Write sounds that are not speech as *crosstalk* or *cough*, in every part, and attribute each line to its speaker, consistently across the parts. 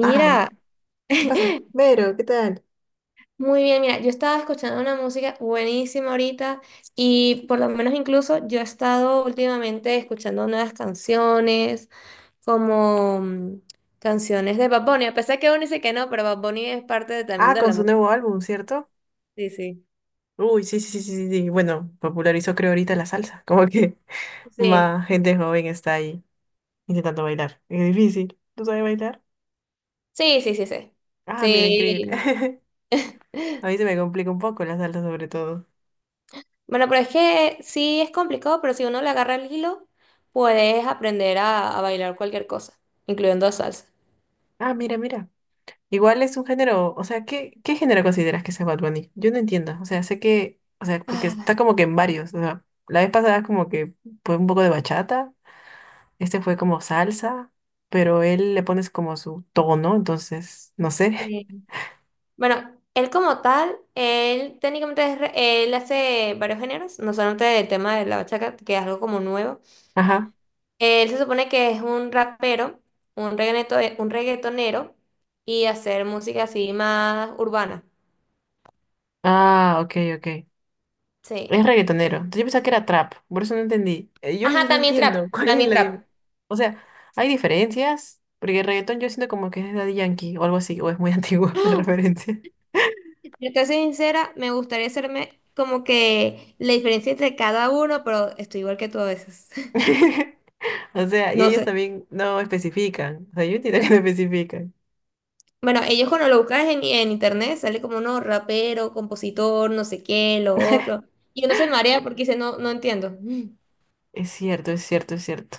Speaker 1: Ah, ¿qué
Speaker 2: *laughs*
Speaker 1: pasa? Vero, ¿qué tal?
Speaker 2: muy bien, mira, yo estaba escuchando una música buenísima ahorita y por lo menos incluso yo he estado últimamente escuchando nuevas canciones, como canciones de Bad Bunny, a pesar que uno dice que no, pero Bad Bunny es parte de- también
Speaker 1: Ah,
Speaker 2: de
Speaker 1: con
Speaker 2: la
Speaker 1: su
Speaker 2: música.
Speaker 1: nuevo álbum, ¿cierto?
Speaker 2: Sí, sí.
Speaker 1: Uy, sí, sí, sí, sí, sí. Sí. Bueno, popularizó creo ahorita la salsa. Como que *laughs*
Speaker 2: Sí,
Speaker 1: más gente joven está ahí intentando bailar. Es difícil. ¿No sabe bailar?
Speaker 2: sí, sí, sí, sí.
Speaker 1: Ah, mira, increíble.
Speaker 2: Sí.
Speaker 1: *laughs* A mí se me complica un poco la salsa sobre todo.
Speaker 2: Bueno, pero es que sí es complicado, pero si uno le agarra el hilo, puedes aprender a bailar cualquier cosa, incluyendo salsa.
Speaker 1: Ah, mira, mira. Igual es un género, o sea, ¿qué género consideras que sea Bad Bunny? Yo no entiendo. O sea, sé que, o sea, porque
Speaker 2: Ah,
Speaker 1: está como que en varios. O sea, la vez pasada como que fue un poco de bachata. Este fue como salsa, pero él le pones como su tono, entonces, no sé.
Speaker 2: sí. Bueno, él como tal, él técnicamente es re- él hace varios géneros, no solamente el tema de la bachaca que es algo como nuevo.
Speaker 1: *laughs* Ajá.
Speaker 2: Él se supone que es un rapero, un reggaeto, un reggaetonero y hacer música así más urbana.
Speaker 1: Ah, ok, ok.
Speaker 2: Sí.
Speaker 1: Es reggaetonero. Entonces yo pensaba que era trap, por eso no entendí. Yo a
Speaker 2: Ajá,
Speaker 1: veces no
Speaker 2: también
Speaker 1: entiendo
Speaker 2: trap,
Speaker 1: *laughs* cuál es
Speaker 2: también
Speaker 1: la
Speaker 2: trap.
Speaker 1: diferencia. O sea, hay diferencias, porque el reggaetón yo siento como que es de Daddy Yankee o algo así, o es muy *laughs* antiguo la referencia.
Speaker 2: Yo te soy sincera, me gustaría hacerme como que la diferencia entre cada uno, pero estoy igual que tú a veces. *laughs*
Speaker 1: *laughs* O sea, y
Speaker 2: No
Speaker 1: ellos
Speaker 2: sé.
Speaker 1: también no especifican. O sea, yo entiendo que no especifican.
Speaker 2: Bueno, ellos cuando lo buscas en internet sale como uno rapero, compositor, no sé qué, lo otro. Y uno se marea porque dice, no, no entiendo. *laughs*
Speaker 1: Es cierto, es cierto, es cierto.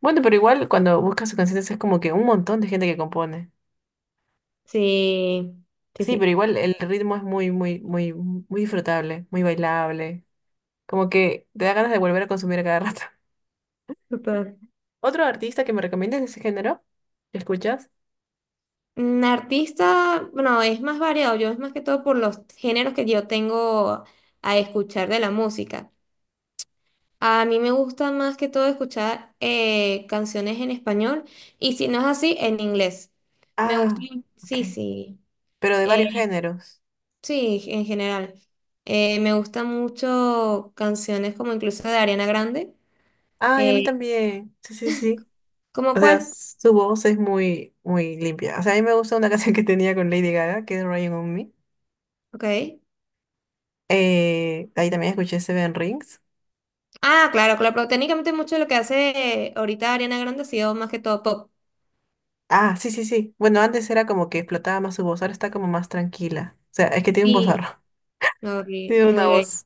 Speaker 1: Bueno, pero igual cuando buscas sus canciones es como que un montón de gente que compone.
Speaker 2: Sí, sí,
Speaker 1: Sí, pero
Speaker 2: sí.
Speaker 1: igual el ritmo es muy, muy, muy, muy disfrutable, muy bailable. Como que te da ganas de volver a consumir a cada rato.
Speaker 2: Súper.
Speaker 1: *laughs* ¿Otro artista que me recomiendes de ese género? ¿Lo escuchas?
Speaker 2: Artista, bueno, es más variado. Yo es más que todo por los géneros que yo tengo a escuchar de la música. A mí me gusta más que todo escuchar canciones en español y si no es así, en inglés. Me gusta,
Speaker 1: Ah, ok.
Speaker 2: sí, sí.
Speaker 1: Pero de varios géneros.
Speaker 2: Sí, en general. Me gustan mucho canciones como incluso de Ariana Grande.
Speaker 1: Ah, y a mí
Speaker 2: Eh,
Speaker 1: también. Sí, sí, sí.
Speaker 2: ¿Cómo
Speaker 1: O sea,
Speaker 2: cuál?
Speaker 1: su voz es muy, muy limpia. O sea, a mí me gusta una *laughs* canción que tenía con Lady Gaga, que es Ryan on Me.
Speaker 2: Ok.
Speaker 1: Ahí también escuché Seven Rings.
Speaker 2: Ah, claro, claro, pero técnicamente mucho de lo que hace ahorita Ariana Grande ha sido más que todo pop.
Speaker 1: Ah, sí, sí, sí. Bueno, antes era como que explotaba más su voz, ahora está como más tranquila. O sea, es que tiene un vozarrón.
Speaker 2: Sí, no, y
Speaker 1: Tiene
Speaker 2: muy
Speaker 1: una
Speaker 2: bien.
Speaker 1: voz.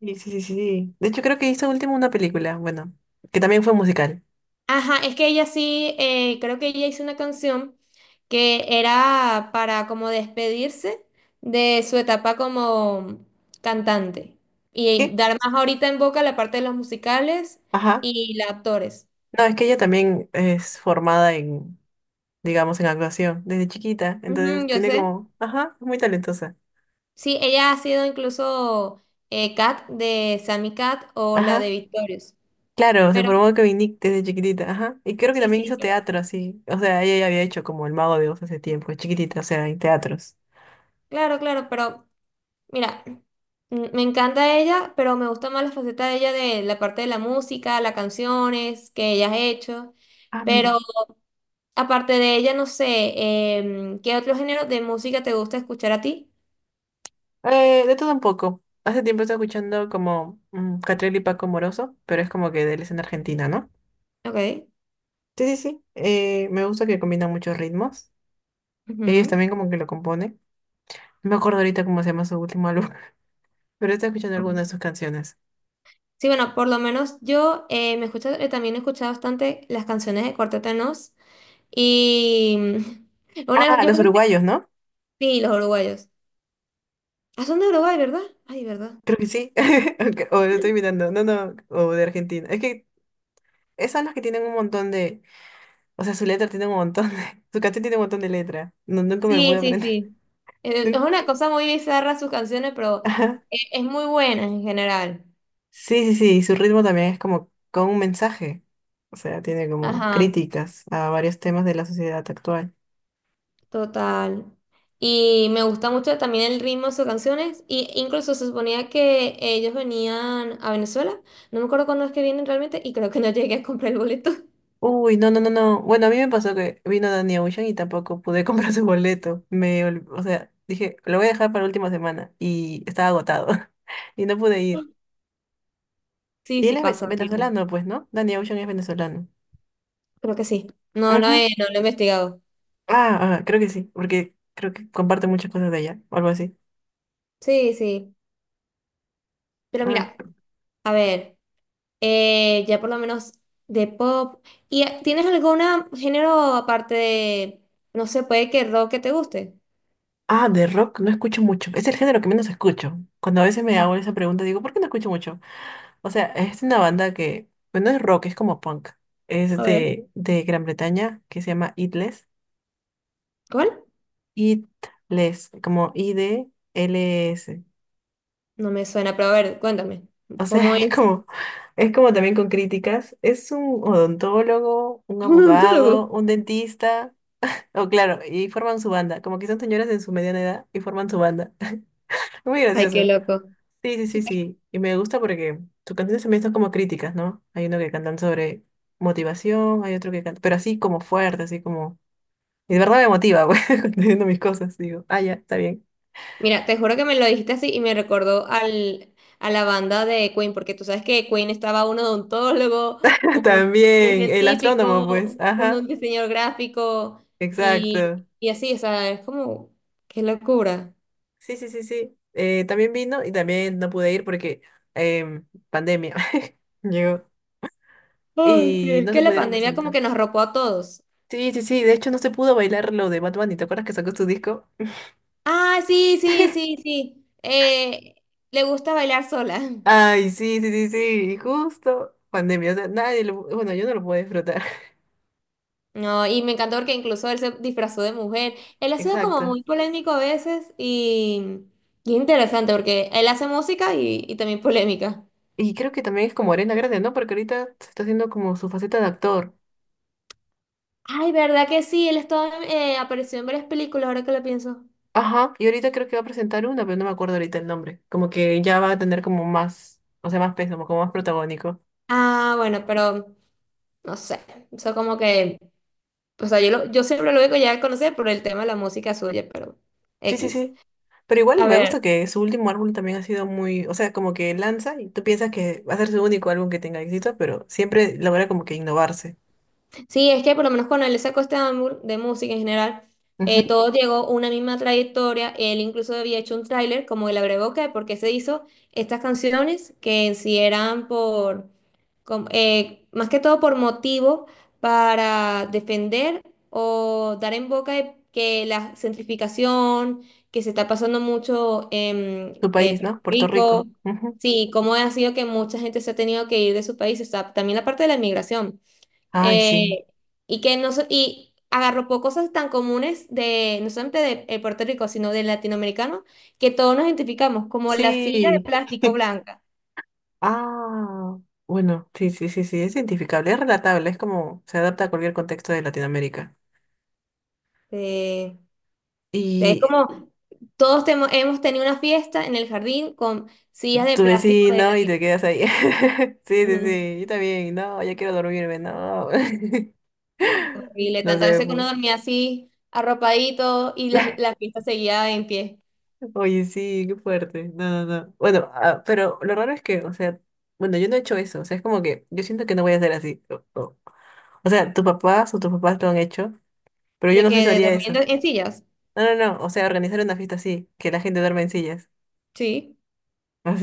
Speaker 1: Sí, sí, sí, sí. Sí. De hecho, creo que hizo último una película, bueno, que también fue musical.
Speaker 2: Ajá, es que ella sí, creo que ella hizo una canción que era para como despedirse de su etapa como cantante y
Speaker 1: ¿Qué?
Speaker 2: dar más ahorita en boca la parte de los musicales
Speaker 1: Ajá.
Speaker 2: y los actores.
Speaker 1: No, es que ella también es formada en, digamos, en actuación desde chiquita.
Speaker 2: Ujú,
Speaker 1: Entonces
Speaker 2: yo
Speaker 1: tiene
Speaker 2: sé.
Speaker 1: como, ajá, es muy talentosa.
Speaker 2: Sí, ella ha sido incluso Kat de Sammy Cat o la de
Speaker 1: Ajá.
Speaker 2: Victorious.
Speaker 1: Claro, se
Speaker 2: Pero
Speaker 1: formó con Nick desde chiquitita, ajá. Y creo que
Speaker 2: sí,
Speaker 1: también
Speaker 2: sí,
Speaker 1: hizo
Speaker 2: pero
Speaker 1: teatro, así. O sea, ella ya había hecho como El Mago de Oz hace tiempo, chiquitita, o sea, en teatros.
Speaker 2: claro, pero mira, me encanta ella, pero me gusta más la faceta de ella de la parte de la música, las canciones que ella ha hecho.
Speaker 1: Ah,
Speaker 2: Pero
Speaker 1: mira.
Speaker 2: aparte de ella, no sé, ¿qué otro género de música te gusta escuchar a ti?
Speaker 1: De todo un poco. Hace tiempo estoy escuchando como Catriel y Paco Moroso, pero es como que de él es en Argentina, ¿no?
Speaker 2: Ok.
Speaker 1: Sí, sí, sí. Me gusta que combina muchos ritmos. Ellos
Speaker 2: Ujú.
Speaker 1: también como que lo componen. No me acuerdo ahorita cómo se llama su último álbum, *laughs* pero estoy escuchando algunas de sus canciones.
Speaker 2: Sí, bueno, por lo menos yo me escucho, también he escuchado bastante las canciones de Cuarteto de Nos. Y
Speaker 1: Ah,
Speaker 2: yo
Speaker 1: los
Speaker 2: creo que
Speaker 1: uruguayos, ¿no?
Speaker 2: sí, los uruguayos. Ah, son de Uruguay, ¿verdad? Ay, ¿verdad?
Speaker 1: Creo que sí. *laughs* Aunque... O lo estoy mirando. No, no. O de Argentina. Es que esas son las que tienen un montón de... O sea, su letra tiene un montón de... *laughs* Su canción tiene un montón de letra. No, nunca me pude
Speaker 2: Sí, sí,
Speaker 1: aprender.
Speaker 2: sí.
Speaker 1: *laughs*
Speaker 2: Es
Speaker 1: Nun-
Speaker 2: una cosa muy bizarra sus canciones, pero
Speaker 1: Ajá.
Speaker 2: es muy buena en general.
Speaker 1: Sí, sí, sí. Y su ritmo también es como con un mensaje. O sea, tiene como
Speaker 2: Ajá,
Speaker 1: críticas a varios temas de la sociedad actual.
Speaker 2: total. Y me gusta mucho también el ritmo de sus canciones. Y incluso se suponía que ellos venían a Venezuela. No me acuerdo cuándo es que vienen realmente y creo que no *laughs* llegué a comprar el boleto.
Speaker 1: Uy, no, no, no, no. Bueno, a mí me pasó que vino Danny Ocean y tampoco pude *laughs* comprar su boleto. Me, o sea, dije, lo voy a dejar para la última semana y estaba agotado *laughs* y no pude ir.
Speaker 2: Sí,
Speaker 1: Y él
Speaker 2: sí
Speaker 1: es
Speaker 2: pasa, horrible.
Speaker 1: venezolano, pues, ¿no? Danny Ocean es venezolano.
Speaker 2: Creo que sí.
Speaker 1: Ujú.
Speaker 2: No lo he investigado.
Speaker 1: Ah, ah, creo que sí, porque creo que comparte muchas cosas de allá, o algo así.
Speaker 2: Sí, sí. Pero mira, a ver. Ya por lo menos de pop. ¿Y tienes algún género aparte de, no sé, puede que rock que te guste?
Speaker 1: Ah, de rock no escucho mucho. Es el género que menos escucho. Cuando a veces me
Speaker 2: Ah,
Speaker 1: hago esa pregunta, digo, ¿por qué no escucho mucho? O sea, es una banda que, bueno, es rock, es como punk. Es
Speaker 2: a ver,
Speaker 1: de Gran Bretaña, que se llama Itless.
Speaker 2: ¿cuál?
Speaker 1: Itless, como IDLS.
Speaker 2: No me suena, pero a ver, cuéntame,
Speaker 1: O sea, *laughs*
Speaker 2: ¿cómo es
Speaker 1: es como también con críticas. Es un odontólogo, un
Speaker 2: *laughs* un odontólogo?
Speaker 1: abogado, un dentista. Oh, claro, y forman su banda. Como que son señoras en su mediana edad y forman su banda. *laughs* Muy
Speaker 2: Ay, qué
Speaker 1: gracioso.
Speaker 2: loco.
Speaker 1: Sí, sí, sí, sí. Y me gusta porque sus canciones también son como críticas, ¿no? Hay uno que cantan sobre motivación, hay otro que canta, pero así como fuerte, así como... Y de verdad me motiva, *laughs* pues, cuando estoy viendo mis cosas, digo, ah, ya, está bien.
Speaker 2: Mira, te juro que me lo dijiste así y me recordó a la banda de Queen, porque tú sabes que Queen estaba un odontólogo,
Speaker 1: *laughs*
Speaker 2: un, un
Speaker 1: También, el astrónomo, pues,
Speaker 2: científico,
Speaker 1: ajá,
Speaker 2: un diseñador gráfico y,
Speaker 1: exacto.
Speaker 2: y así, o sea, es como, qué locura.
Speaker 1: Sí, sí, sí, sí. También vino y también no pude ir porque pandemia *laughs* llegó
Speaker 2: Ay, sí,
Speaker 1: y
Speaker 2: es
Speaker 1: no
Speaker 2: que
Speaker 1: se
Speaker 2: la
Speaker 1: pudieron
Speaker 2: pandemia como
Speaker 1: presentar.
Speaker 2: que nos ropó a todos.
Speaker 1: Sí, sí, sí, de hecho no se pudo bailar lo de Bad Bunny, ¿te acuerdas que sacó su disco?
Speaker 2: Ah, sí, sí,
Speaker 1: *laughs*
Speaker 2: sí, sí. Le gusta bailar sola.
Speaker 1: Ay, sí, sí, sí, sí, y justo pandemia, o sea, nadie lo, bueno, yo no lo puedo disfrutar, *laughs*
Speaker 2: No, y me encantó porque incluso él se disfrazó de mujer. Él ha sido como
Speaker 1: exacto.
Speaker 2: muy polémico a veces y es interesante porque él hace música y también polémica.
Speaker 1: Y creo que también es como Arena Grande, ¿no? Porque ahorita se está haciendo como su faceta de actor.
Speaker 2: Ay, ¿verdad que sí? Él estaba, apareció en varias películas, ahora que lo pienso.
Speaker 1: Ajá, y ahorita creo que va a presentar una, pero no me acuerdo ahorita el nombre. Como que ya va a tener como más, o sea, más peso, como más protagónico.
Speaker 2: Ah, bueno, pero no sé. Eso como que, o sea, yo siempre lo digo ya a conocer por el tema de la música suya, pero
Speaker 1: Sí, sí,
Speaker 2: X.
Speaker 1: sí. Pero igual
Speaker 2: A
Speaker 1: me
Speaker 2: ver.
Speaker 1: gusta que su último álbum también ha sido muy, o sea, como que lanza y tú piensas que va a ser su único álbum que tenga éxito, pero siempre logra como que innovarse.
Speaker 2: Sí, es que por lo menos con él sacó este álbum de música en general,
Speaker 1: Ujú.
Speaker 2: todo llegó a una misma trayectoria. Él incluso había hecho un tráiler, como él agregó que, porque se hizo estas canciones que en sí eran más que todo por motivo para defender o dar en boca de que la centrificación que se está pasando mucho en
Speaker 1: Tu país,
Speaker 2: Puerto
Speaker 1: ¿no? Puerto Rico.
Speaker 2: Rico,
Speaker 1: Ujú.
Speaker 2: sí, cómo ha sido que mucha gente se ha tenido que ir de su país, o sea, también la parte de la inmigración.
Speaker 1: Ay, sí.
Speaker 2: Eh, y que no so- Y agarró cosas tan comunes de, no solamente de Puerto Rico, sino del latinoamericano, que todos nos identificamos, como la silla de
Speaker 1: Sí.
Speaker 2: plástico blanca.
Speaker 1: Ah, bueno, sí, sí, sí, sí, es identificable, es relatable, es como se adapta a cualquier contexto de Latinoamérica.
Speaker 2: Eh, es
Speaker 1: Y
Speaker 2: como hemos tenido una fiesta en el jardín con sillas de
Speaker 1: tu
Speaker 2: plástico de ese
Speaker 1: vecino y te
Speaker 2: tipo.
Speaker 1: quedas ahí. *laughs* Sí, sí,
Speaker 2: Ujú.
Speaker 1: sí, yo también, no, ya quiero dormirme, no. *laughs*
Speaker 2: Horrible,
Speaker 1: No
Speaker 2: tantas
Speaker 1: sé,
Speaker 2: veces que
Speaker 1: pues.
Speaker 2: uno dormía así, arropadito, y la
Speaker 1: *laughs*
Speaker 2: fiesta seguía en pie,
Speaker 1: Oye, sí, qué fuerte. No, no, no. Bueno, ah, pero lo raro es que, o sea, bueno, yo no he hecho eso, o sea, es como que yo siento que no voy a hacer así. O, o sea, tus papás o tus papás lo han hecho, pero yo
Speaker 2: de
Speaker 1: no sé
Speaker 2: que
Speaker 1: si
Speaker 2: de,
Speaker 1: haría
Speaker 2: durmiendo
Speaker 1: eso.
Speaker 2: en sillas.
Speaker 1: No, no, no, o sea, organizar una fiesta así, que la gente duerma en sillas.
Speaker 2: Sí.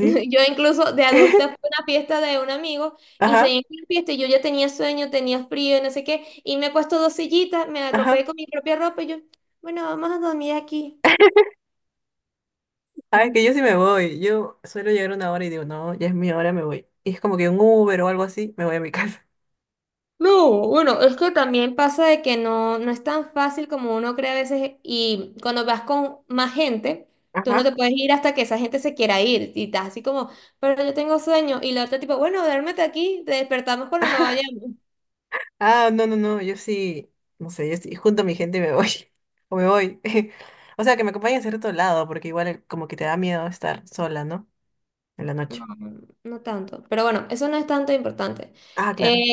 Speaker 2: *laughs* Yo incluso de adulta fui
Speaker 1: *laughs*
Speaker 2: a una fiesta de un amigo y se
Speaker 1: Ajá,
Speaker 2: en la fiesta y yo ya tenía sueño, tenía frío, no sé qué, y me he puesto dos sillitas, me arropé
Speaker 1: ajá.
Speaker 2: con mi propia ropa y yo, bueno, vamos a dormir aquí.
Speaker 1: Ay,
Speaker 2: Mm.
Speaker 1: que yo sí me voy. Yo suelo llegar una hora y digo, no, ya es mi hora, me voy. Y es como que un Uber o algo así, me voy a mi casa.
Speaker 2: No, bueno, es que también pasa de que no, no es tan fácil como uno cree a veces y cuando vas con más gente, tú no te
Speaker 1: Ajá.
Speaker 2: puedes ir hasta que esa gente se quiera ir y estás así como, pero yo tengo sueño y la otra tipo, bueno, duérmete aquí, te despertamos cuando nos
Speaker 1: *laughs*
Speaker 2: vayamos.
Speaker 1: Ah, no, no, no, yo sí, no sé, yo sí, junto a mi gente y me voy. *laughs* O me voy. *laughs* O sea, que me acompañen a cierto lado, porque igual como que te da miedo estar sola, ¿no? En la
Speaker 2: No,
Speaker 1: noche.
Speaker 2: no no tanto. Pero bueno, eso no es tanto importante.
Speaker 1: Ah,
Speaker 2: Eh,
Speaker 1: claro,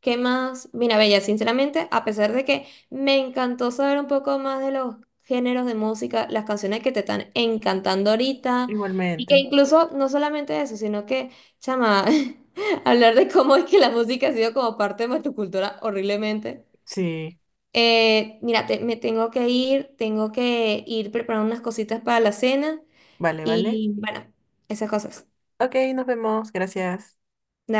Speaker 2: ¿Qué más? Mira, Bella, sinceramente, a pesar de que me encantó saber un poco más de los géneros de música, las canciones que te están encantando ahorita, y que
Speaker 1: igualmente.
Speaker 2: incluso no solamente eso, sino que, chama, *laughs* hablar de cómo es que la música ha sido como parte de nuestra cultura horriblemente.
Speaker 1: Sí,
Speaker 2: Mira, me tengo que ir preparando unas cositas para la cena
Speaker 1: vale, vale.
Speaker 2: y bueno, esas cosas.
Speaker 1: Ok, nos vemos, gracias.
Speaker 2: Dale.